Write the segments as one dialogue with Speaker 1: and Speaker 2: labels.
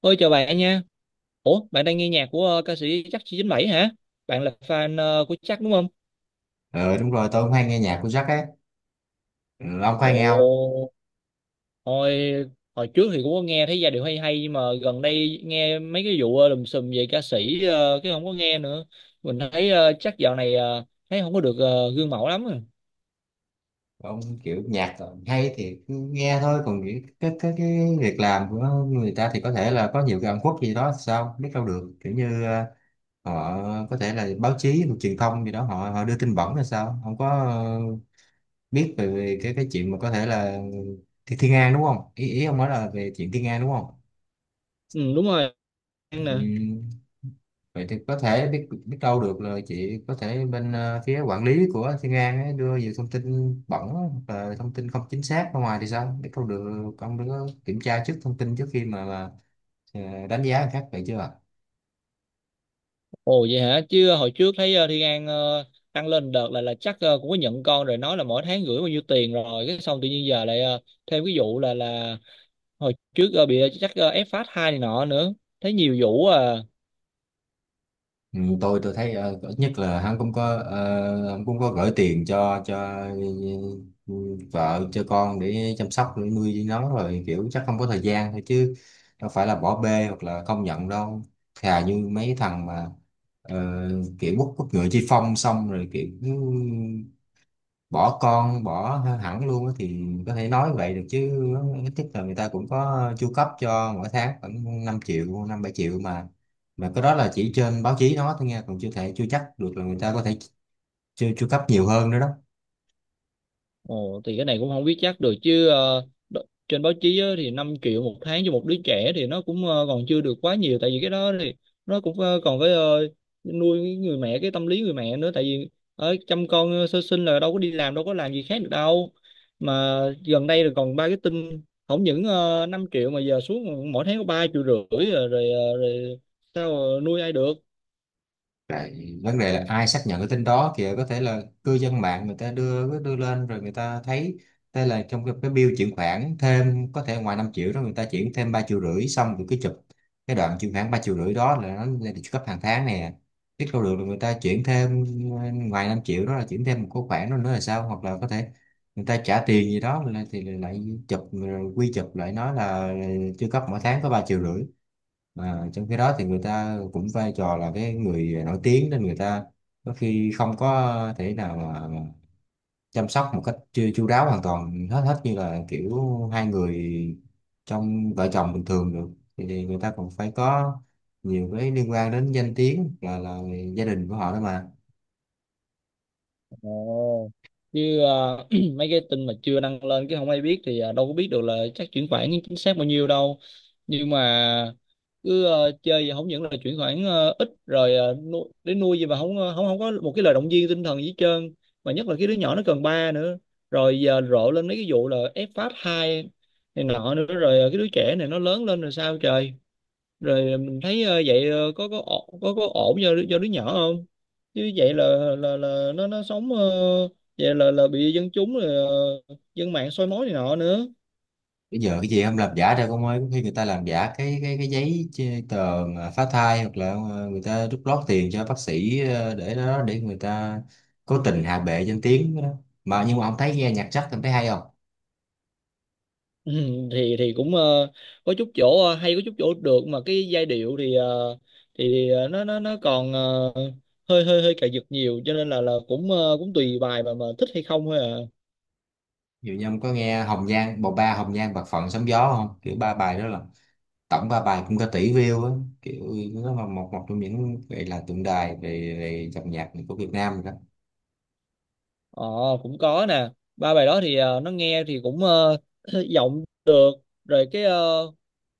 Speaker 1: Ôi chào bạn nha. Ủa, bạn đang nghe nhạc của ca sĩ Chắc 97 hả? Bạn là fan của Chắc đúng không?
Speaker 2: Ờ Đúng rồi, tôi cũng hay nghe nhạc của Jack ấy. Ừ, ông có hay nghe không?
Speaker 1: Ồ, hồi hồi trước thì cũng có nghe thấy giai điệu hay hay, nhưng mà gần đây nghe mấy cái vụ lùm xùm về ca sĩ, cái không có nghe nữa. Mình thấy Chắc dạo này thấy không có được gương mẫu lắm. À.
Speaker 2: Ông kiểu nhạc hay thì cứ nghe thôi, còn cái việc làm của người ta thì có thể là có nhiều cái ẩn khuất gì đó, sao biết đâu được. Kiểu như họ có thể là báo chí hoặc truyền thông gì đó họ đưa tin bẩn hay sao, không có biết về cái chuyện mà có thể là thì Thiên An đúng không, ý ý ông nói là về chuyện Thiên An đúng không?
Speaker 1: Ừ đúng rồi, An
Speaker 2: Ừ,
Speaker 1: nè.
Speaker 2: vậy thì có thể biết biết đâu được là chị có thể bên phía quản lý của Thiên An ấy đưa nhiều thông tin bẩn hoặc là thông tin không chính xác ra ngoài thì sao biết đâu được. Ông đứa kiểm tra trước thông tin trước khi mà đánh giá người khác vậy chưa ạ?
Speaker 1: Ồ vậy hả? Chứ hồi trước thấy Thiên An tăng lên đợt là chắc cũng có nhận con rồi, nói là mỗi tháng gửi bao nhiêu tiền, rồi cái xong tự nhiên giờ lại thêm cái vụ là hồi trước bị chắc ép phát hai này nọ nữa, thấy nhiều vụ à.
Speaker 2: Ừ, tôi thấy ít nhất là hắn cũng có, hắn cũng có gửi tiền cho ừ, vợ cho con để chăm sóc, để nuôi nó rồi, kiểu chắc không có thời gian thôi chứ đâu phải là bỏ bê hoặc là không nhận đâu. Thà như mấy thằng mà ờ, kiểu quốc quốc ngựa chi phong xong rồi kiểu bỏ con, bỏ hẳn luôn á thì có thể nói vậy được chứ. Ít nhất là người ta cũng có chu cấp cho mỗi tháng khoảng 5 triệu, 5-7 triệu mà. Mà cái đó là chỉ trên báo chí nó thôi nha, còn chưa thể, chưa chắc được là người ta có thể chu chu cấp nhiều hơn nữa đó.
Speaker 1: Ồ thì cái này cũng không biết chắc được, chứ trên báo chí á, thì 5 triệu một tháng cho một đứa trẻ thì nó cũng còn chưa được quá nhiều, tại vì cái đó thì nó cũng còn phải nuôi cái người mẹ, cái tâm lý người mẹ nữa, tại vì ở chăm con sơ sinh là đâu có đi làm, đâu có làm gì khác được đâu. Mà gần đây là còn ba cái tin không những 5 triệu mà giờ xuống mỗi tháng có 3,5 triệu rồi, rồi sao nuôi ai được.
Speaker 2: Lại vấn đề là ai xác nhận cái tin đó kìa, có thể là cư dân mạng người ta đưa đưa lên rồi người ta thấy thế, là trong cái bill chuyển khoản thêm, có thể ngoài 5 triệu đó người ta chuyển thêm 3,5 triệu, xong rồi cứ chụp cái đoạn chuyển khoản 3,5 triệu đó là nó lên được cấp hàng tháng nè. Biết đâu được là người ta chuyển thêm, ngoài 5 triệu đó là chuyển thêm một cái khoản đó nữa là sao, hoặc là có thể người ta trả tiền gì đó là- thì lại chụp rồi quy chụp lại nói là chưa cấp mỗi tháng có 3,5 triệu. Mà trong khi đó thì người ta cũng vai trò là cái người nổi tiếng, nên người ta có khi không có thể nào mà chăm sóc một cách chu chu đáo hoàn toàn hết hết như là kiểu hai người trong vợ chồng bình thường được. Thì người ta còn phải có nhiều cái liên quan đến danh tiếng là gia đình của họ đó mà.
Speaker 1: Ồ. Chứ mấy cái tin mà chưa đăng lên cái không ai biết thì đâu có biết được là chắc chuyển khoản chính xác bao nhiêu đâu. Nhưng mà cứ chơi vậy, không những là chuyển khoản ít rồi ờ, nu để nuôi gì mà không ờ, không không có một cái lời động viên tinh thần gì hết trơn. Mà nhất là cái đứa nhỏ nó cần ba nữa. Rồi giờ rộ lên mấy cái vụ là ép phát hai này nọ nữa, rồi cái đứa trẻ này nó lớn lên rồi sao trời. Rồi mình thấy vậy có ổn, có ổn cho cho đứa nhỏ không, chứ vậy là nó sống vậy là bị dân chúng rồi dân mạng soi mói này nọ nữa.
Speaker 2: Bây giờ cái gì không làm giả đâu con ơi, có khi người ta làm giả cái giấy chê- tờ mà phá thai, hoặc là người ta rút lót tiền cho bác sĩ để đó, để người ta cố tình hạ bệ danh tiếng đó mà. Nhưng mà ông thấy nghe nhạc Jack ông thấy hay không?
Speaker 1: Ừ, thì cũng có chút chỗ hay, có chút chỗ được, mà cái giai điệu thì nó còn hơi hơi hơi cài giật nhiều, cho nên là cũng cũng tùy bài mà thích hay không thôi à.
Speaker 2: Ví dụ như ông có nghe Hồng Nhan, bộ ba Hồng Nhan, Bạc Phận, Sóng Gió không? Kiểu ba bài đó là tổng ba bài cũng có tỷ view á. Kiểu nó là một một trong những gọi là tượng đài về về dòng nhạc của Việt Nam rồi đó.
Speaker 1: Ờ cũng có nè, ba bài đó thì nó nghe thì cũng giọng được, rồi cái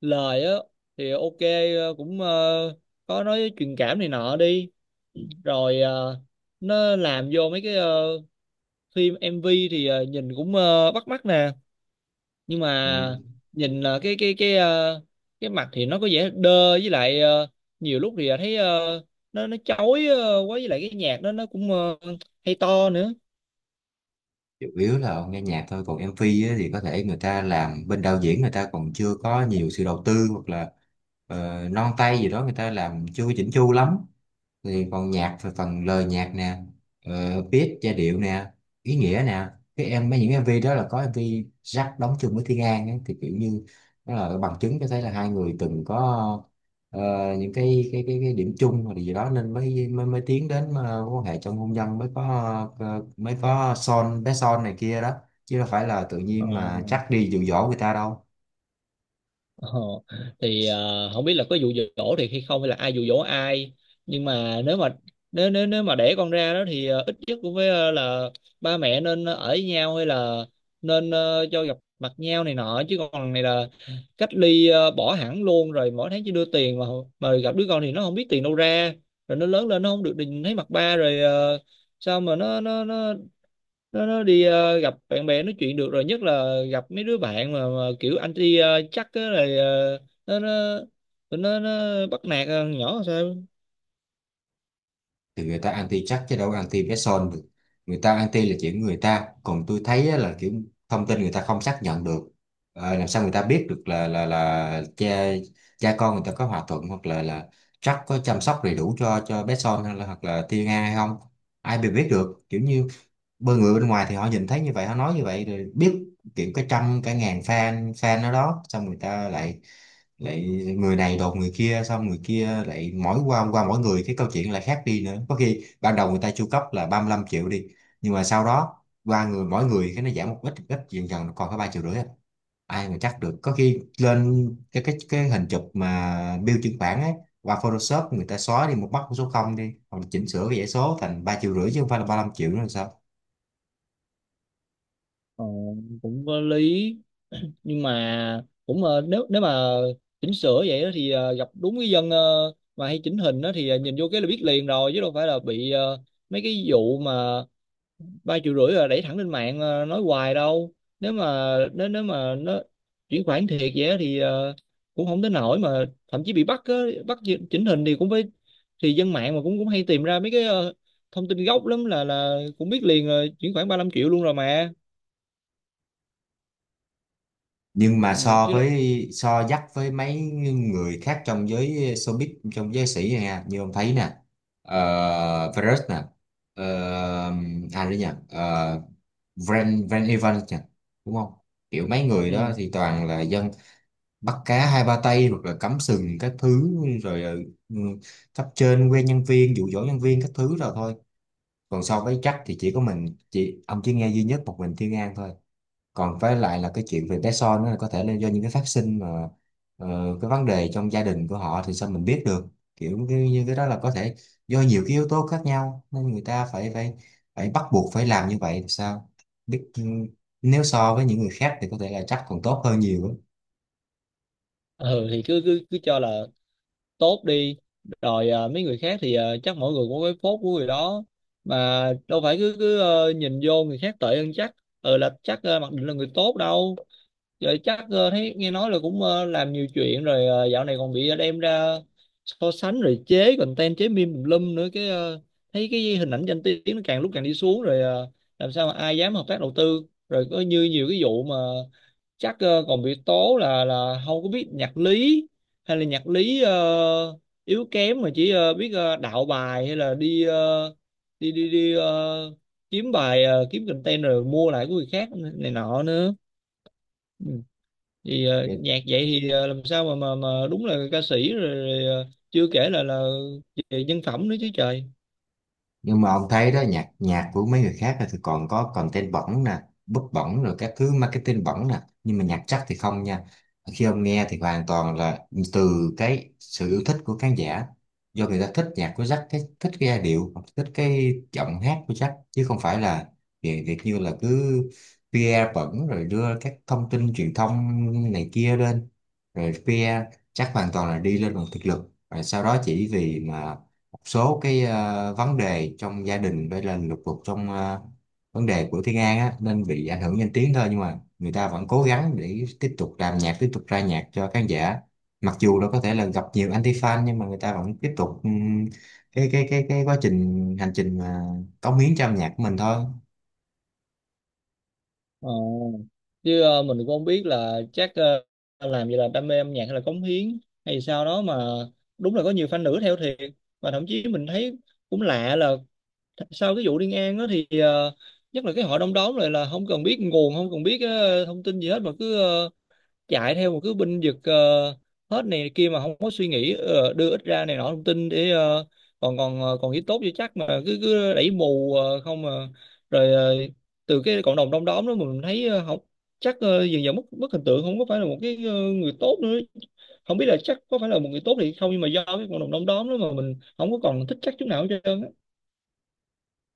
Speaker 1: lời á thì ok, cũng có nói truyền cảm này nọ đi, rồi nó làm vô mấy cái phim MV thì nhìn cũng bắt mắt nè. Nhưng mà
Speaker 2: Ừ.
Speaker 1: nhìn cái mặt thì nó có vẻ đơ, với lại nhiều lúc thì thấy nó chói quá, với lại cái nhạc đó nó cũng hay to nữa.
Speaker 2: Chủ yếu là ông nghe nhạc thôi, còn MV á, thì có thể người ta làm bên đạo diễn, người ta còn chưa có nhiều sự đầu tư hoặc là non tay gì đó, người ta làm chưa chỉnh chu lắm. Thì còn nhạc thì phần lời nhạc nè, beat giai điệu nè, ý nghĩa nè. Cái em mấy những em MV đó là có em MV Jack đóng chung với Thiên An ấy, thì kiểu như đó là bằng chứng cho thấy là hai người từng có ờ, những cái điểm chung hoặc là gì đó, nên mới mới, mới tiến đến quan hệ trong hôn nhân, mới có mới có son, bé son này kia đó. Chứ đâu phải là tự
Speaker 1: Ờ.
Speaker 2: nhiên mà chắc đi dụ dỗ người ta đâu.
Speaker 1: Ờ, thì không biết là có dụ dỗ thì hay không, hay là ai dụ dỗ ai, nhưng mà nếu nếu nếu mà đẻ con ra đó thì ít nhất cũng phải là ba mẹ nên ở với nhau, hay là nên cho gặp mặt nhau này nọ, chứ còn này là cách ly, bỏ hẳn luôn, rồi mỗi tháng chỉ đưa tiền mà gặp đứa con thì nó không biết tiền đâu ra, rồi nó lớn lên nó không được nhìn thấy mặt ba, rồi sao mà nó đi gặp bạn bè nói chuyện được, rồi nhất là gặp mấy đứa bạn mà kiểu anti chắc á, rồi nó tụi nó bắt nạt nhỏ làm sao.
Speaker 2: Thì người ta anti chắc chứ đâu có anti bé son được. Người ta anti là chuyện người ta, còn tôi thấy á là kiểu thông tin người ta không xác nhận được. Ờ, làm sao người ta biết được là cha cha con người ta có hòa thuận hoặc là chắc có chăm sóc đầy đủ cho bé son hay là hoặc là Thiên Nga hay không. Ai bị biết được, kiểu như bởi người bên ngoài thì họ nhìn thấy như vậy, họ nói như vậy rồi biết. Kiểu cái trăm cái ngàn fan, ở đó xong người ta lại lại người này đồn người kia, xong người kia lại mỗi qua qua mỗi người cái câu chuyện lại khác đi nữa. Có khi ban đầu người ta chu cấp là 35 triệu đi, nhưng mà sau đó qua người, mỗi người cái nó giảm một ít, dần dần nó còn có 3,5 triệu à. Ai mà chắc được, có khi lên cái hình chụp mà bill chuyển khoản ấy qua Photoshop người ta xóa đi một mắt của số không đi, hoặc là chỉnh sửa cái dãy số thành 3,5 triệu chứ không phải là 35 triệu nữa là sao.
Speaker 1: Ờ, cũng có lý, nhưng mà cũng nếu nếu mà chỉnh sửa vậy đó thì gặp đúng cái dân mà hay chỉnh hình đó thì nhìn vô cái là biết liền rồi, chứ đâu phải là bị mấy cái vụ mà ba triệu rưỡi là đẩy thẳng lên mạng nói hoài đâu. Nếu mà nếu nếu mà nó chuyển khoản thiệt vậy á thì cũng không tới nổi mà thậm chí bị bắt á, bắt chỉnh hình thì cũng phải, thì dân mạng mà cũng cũng hay tìm ra mấy cái thông tin gốc lắm, là cũng biết liền chuyển khoản 35 triệu luôn rồi mà.
Speaker 2: Nhưng mà
Speaker 1: Ừ,
Speaker 2: so
Speaker 1: chứ đâu.
Speaker 2: với, so dắt với mấy người khác trong giới showbiz, trong giới sĩ này nha, như ông thấy nè, Virus nè, à đấy nhỉ, Van Van Evans nhỉ, đúng không? Kiểu mấy người đó
Speaker 1: Ừ.
Speaker 2: thì toàn là dân bắt cá hai ba tay hoặc là cắm sừng các thứ rồi, ừ, cấp trên quen nhân viên, dụ dỗ nhân viên các thứ rồi thôi. Còn so với Jack thì chỉ có mình chị ông chỉ nghe duy nhất một mình Thiên An thôi. Còn với lại là cái chuyện về bé son đó là có thể là do những cái phát sinh mà ờ, cái vấn đề trong gia đình của họ thì sao mình biết được. Kiểu như cái đó là có thể do nhiều cái yếu tố khác nhau nên người ta phải phải phải bắt buộc phải làm như vậy thì sao biết. Ừ, nếu so với những người khác thì có thể là chắc còn tốt hơn nhiều á.
Speaker 1: Ừ thì cứ cứ cứ cho là tốt đi, rồi mấy người khác thì chắc mỗi người có cái phốt của người đó, mà đâu phải cứ cứ nhìn vô người khác tệ hơn chắc. Ừ là chắc mặc định là người tốt đâu. Giờ chắc thấy nghe nói là cũng làm nhiều chuyện rồi, dạo này còn bị đem ra so sánh, rồi chế content, chế meme tùm lum nữa, cái thấy cái hình ảnh danh tiếng nó càng lúc càng đi xuống, rồi làm sao mà ai dám hợp tác đầu tư. Rồi có như nhiều cái vụ mà chắc còn bị tố là không có biết nhạc lý, hay là nhạc lý yếu kém, mà chỉ biết đạo bài, hay là đi đi đi đi ờ, kiếm bài kiếm content, rồi mua lại của người khác này nọ nữa. Ừ thì nhạc vậy thì làm sao mà mà đúng là ca sĩ, rồi chưa kể là về nhân phẩm nữa chứ trời.
Speaker 2: Nhưng mà ông thấy đó, nhạc nhạc của mấy người khác thì còn có content bẩn nè, bút bẩn rồi các thứ, marketing bẩn nè, nhưng mà nhạc chắc thì không nha. Khi ông nghe thì hoàn toàn là từ cái sự yêu thích của khán giả, do người ta thích nhạc của Jack, cái thích cái giai điệu, thích cái giọng hát của Jack, chứ không phải là việc việc như là cứ PR bẩn rồi đưa các thông tin truyền thông này kia lên rồi PR. Chắc hoàn toàn là đi lên bằng thực lực, rồi sau đó chỉ vì mà số cái vấn đề trong gia đình với là lục đục trong vấn đề của Thiên An á nên bị ảnh hưởng danh tiếng thôi. Nhưng mà người ta vẫn cố gắng để tiếp tục làm nhạc, tiếp tục ra nhạc cho khán giả, mặc dù nó có thể là gặp nhiều anti fan, nhưng mà người ta vẫn tiếp tục cái quá trình, hành trình mà cống hiến cho âm nhạc của mình thôi.
Speaker 1: Ờ. Chứ mình cũng không biết là chắc làm vậy là đam mê âm nhạc hay là cống hiến hay sao đó, mà đúng là có nhiều fan nữ theo thiệt, và thậm chí mình thấy cũng lạ là sau cái vụ Liên An đó thì nhất là cái hội đông đóm lại là không cần biết nguồn, không cần biết thông tin gì hết, mà cứ chạy theo một cái binh vực hết này kia, mà không có suy nghĩ đưa ít ra này nọ thông tin để còn còn ờ, còn nghĩ tốt cho chắc, mà cứ cứ đẩy mù không mà. Rồi từ cái cộng đồng đông đóm đó mình thấy không chắc dần dần mất mất hình tượng, không có phải là một cái người tốt nữa. Không biết là chắc có phải là một người tốt thì không, nhưng mà do cái cộng đồng đông đóm đó mà mình không có còn thích chắc chút nào hết trơn á.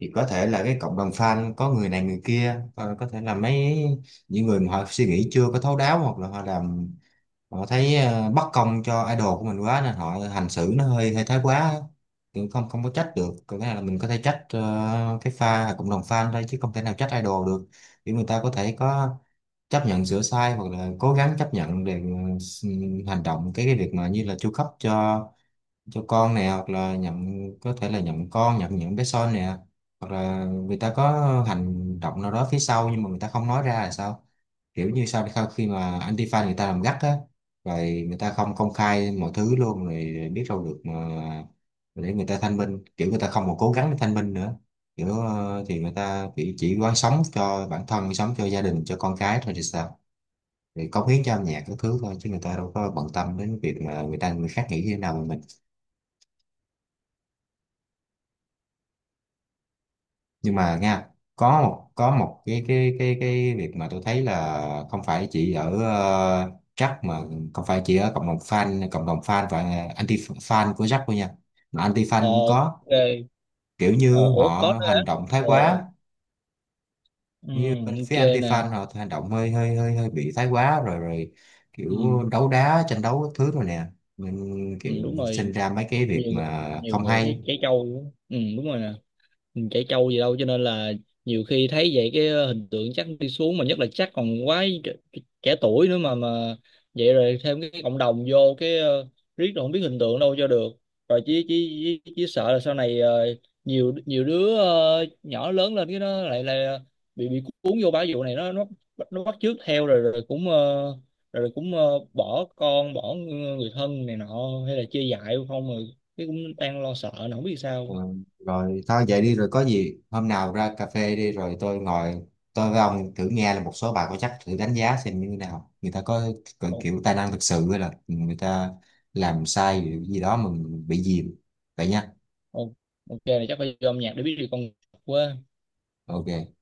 Speaker 2: Thì có thể là cái cộng đồng fan có người này người kia, có thể là những người mà họ suy nghĩ chưa có thấu đáo, hoặc là họ làm, họ thấy bất công cho idol của mình quá nên họ hành xử nó hơi hơi thái quá. Cũng không không có trách được, có nghĩa là mình có thể trách cái pha cộng đồng fan thôi chứ không thể nào trách idol được. Vì người ta có thể có chấp nhận sửa sai hoặc là cố gắng chấp nhận để ừ, hành động cái việc mà như là chu cấp cho con nè, hoặc là nhận, có thể là nhận con, nhận những bé son nè, hoặc là người ta có hành động nào đó phía sau nhưng mà người ta không nói ra là sao. Kiểu như sau sau khi mà Antifa người ta làm gắt á rồi, người ta không công khai mọi thứ luôn rồi biết đâu được mà. Để người ta thanh minh, kiểu người ta không còn cố gắng để thanh minh nữa. Kiểu thì người ta chỉ quán sống cho bản thân, sống cho gia đình, cho con cái thôi thì sao. Thì cống hiến cho âm nhạc các thứ thôi, chứ người ta đâu có bận tâm đến việc mà người ta người khác nghĩ như thế nào mà mình. Nhưng mà nha, có một cái việc mà tôi thấy là không phải chỉ ở Jack mà, không phải chỉ ở cộng đồng fan, cộng đồng fan và anti fan của Jack thôi nha, mà anti fan cũng
Speaker 1: Ồ,
Speaker 2: có.
Speaker 1: ok.
Speaker 2: Kiểu
Speaker 1: Ồ
Speaker 2: như
Speaker 1: ủa, có
Speaker 2: họ
Speaker 1: nữa hả?
Speaker 2: hành động thái
Speaker 1: Ồ.
Speaker 2: quá,
Speaker 1: Ừ,
Speaker 2: như bên phía
Speaker 1: ok
Speaker 2: anti
Speaker 1: nè.
Speaker 2: fan họ hành động hơi hơi hơi hơi bị thái quá rồi, kiểu
Speaker 1: Ừ,
Speaker 2: đấu đá, tranh đấu các thứ rồi nè, nên
Speaker 1: ừ,
Speaker 2: kiểu
Speaker 1: đúng
Speaker 2: sinh
Speaker 1: rồi,
Speaker 2: ra mấy cái việc
Speaker 1: nhiều người-
Speaker 2: mà
Speaker 1: nhiều
Speaker 2: không
Speaker 1: người thấy
Speaker 2: hay.
Speaker 1: trẻ trâu luôn. Ừ, đúng rồi nè, mình chảy trâu gì đâu, cho nên là nhiều khi thấy vậy cái hình tượng chắc đi xuống, mà nhất là chắc còn quá trẻ tuổi nữa mà vậy, rồi thêm cái cộng đồng vô cái riết rồi không biết hình tượng đâu cho được. Rồi chỉ sợ là sau này nhiều nhiều đứa nhỏ lớn lên cái nó lại là bị cuốn vô bãi vụ này, nó bắt chước theo, rồi rồi cũng bỏ con, bỏ người thân này nọ, hay là chia dại không rồi, cái cũng đang lo sợ nó không biết
Speaker 2: Ừ,
Speaker 1: sao.
Speaker 2: rồi thôi vậy đi, rồi có gì hôm nào ra cà phê đi rồi tôi ngồi, tôi với ông thử nghe là một số bài có chắc, thử đánh giá xem như thế nào, người ta có kiểu tài năng thực sự hay là người ta làm sai gì gì đó mà mình bị dìm. Vậy nha.
Speaker 1: Ok là chắc phải vô âm nhạc để biết được con quá.
Speaker 2: OK.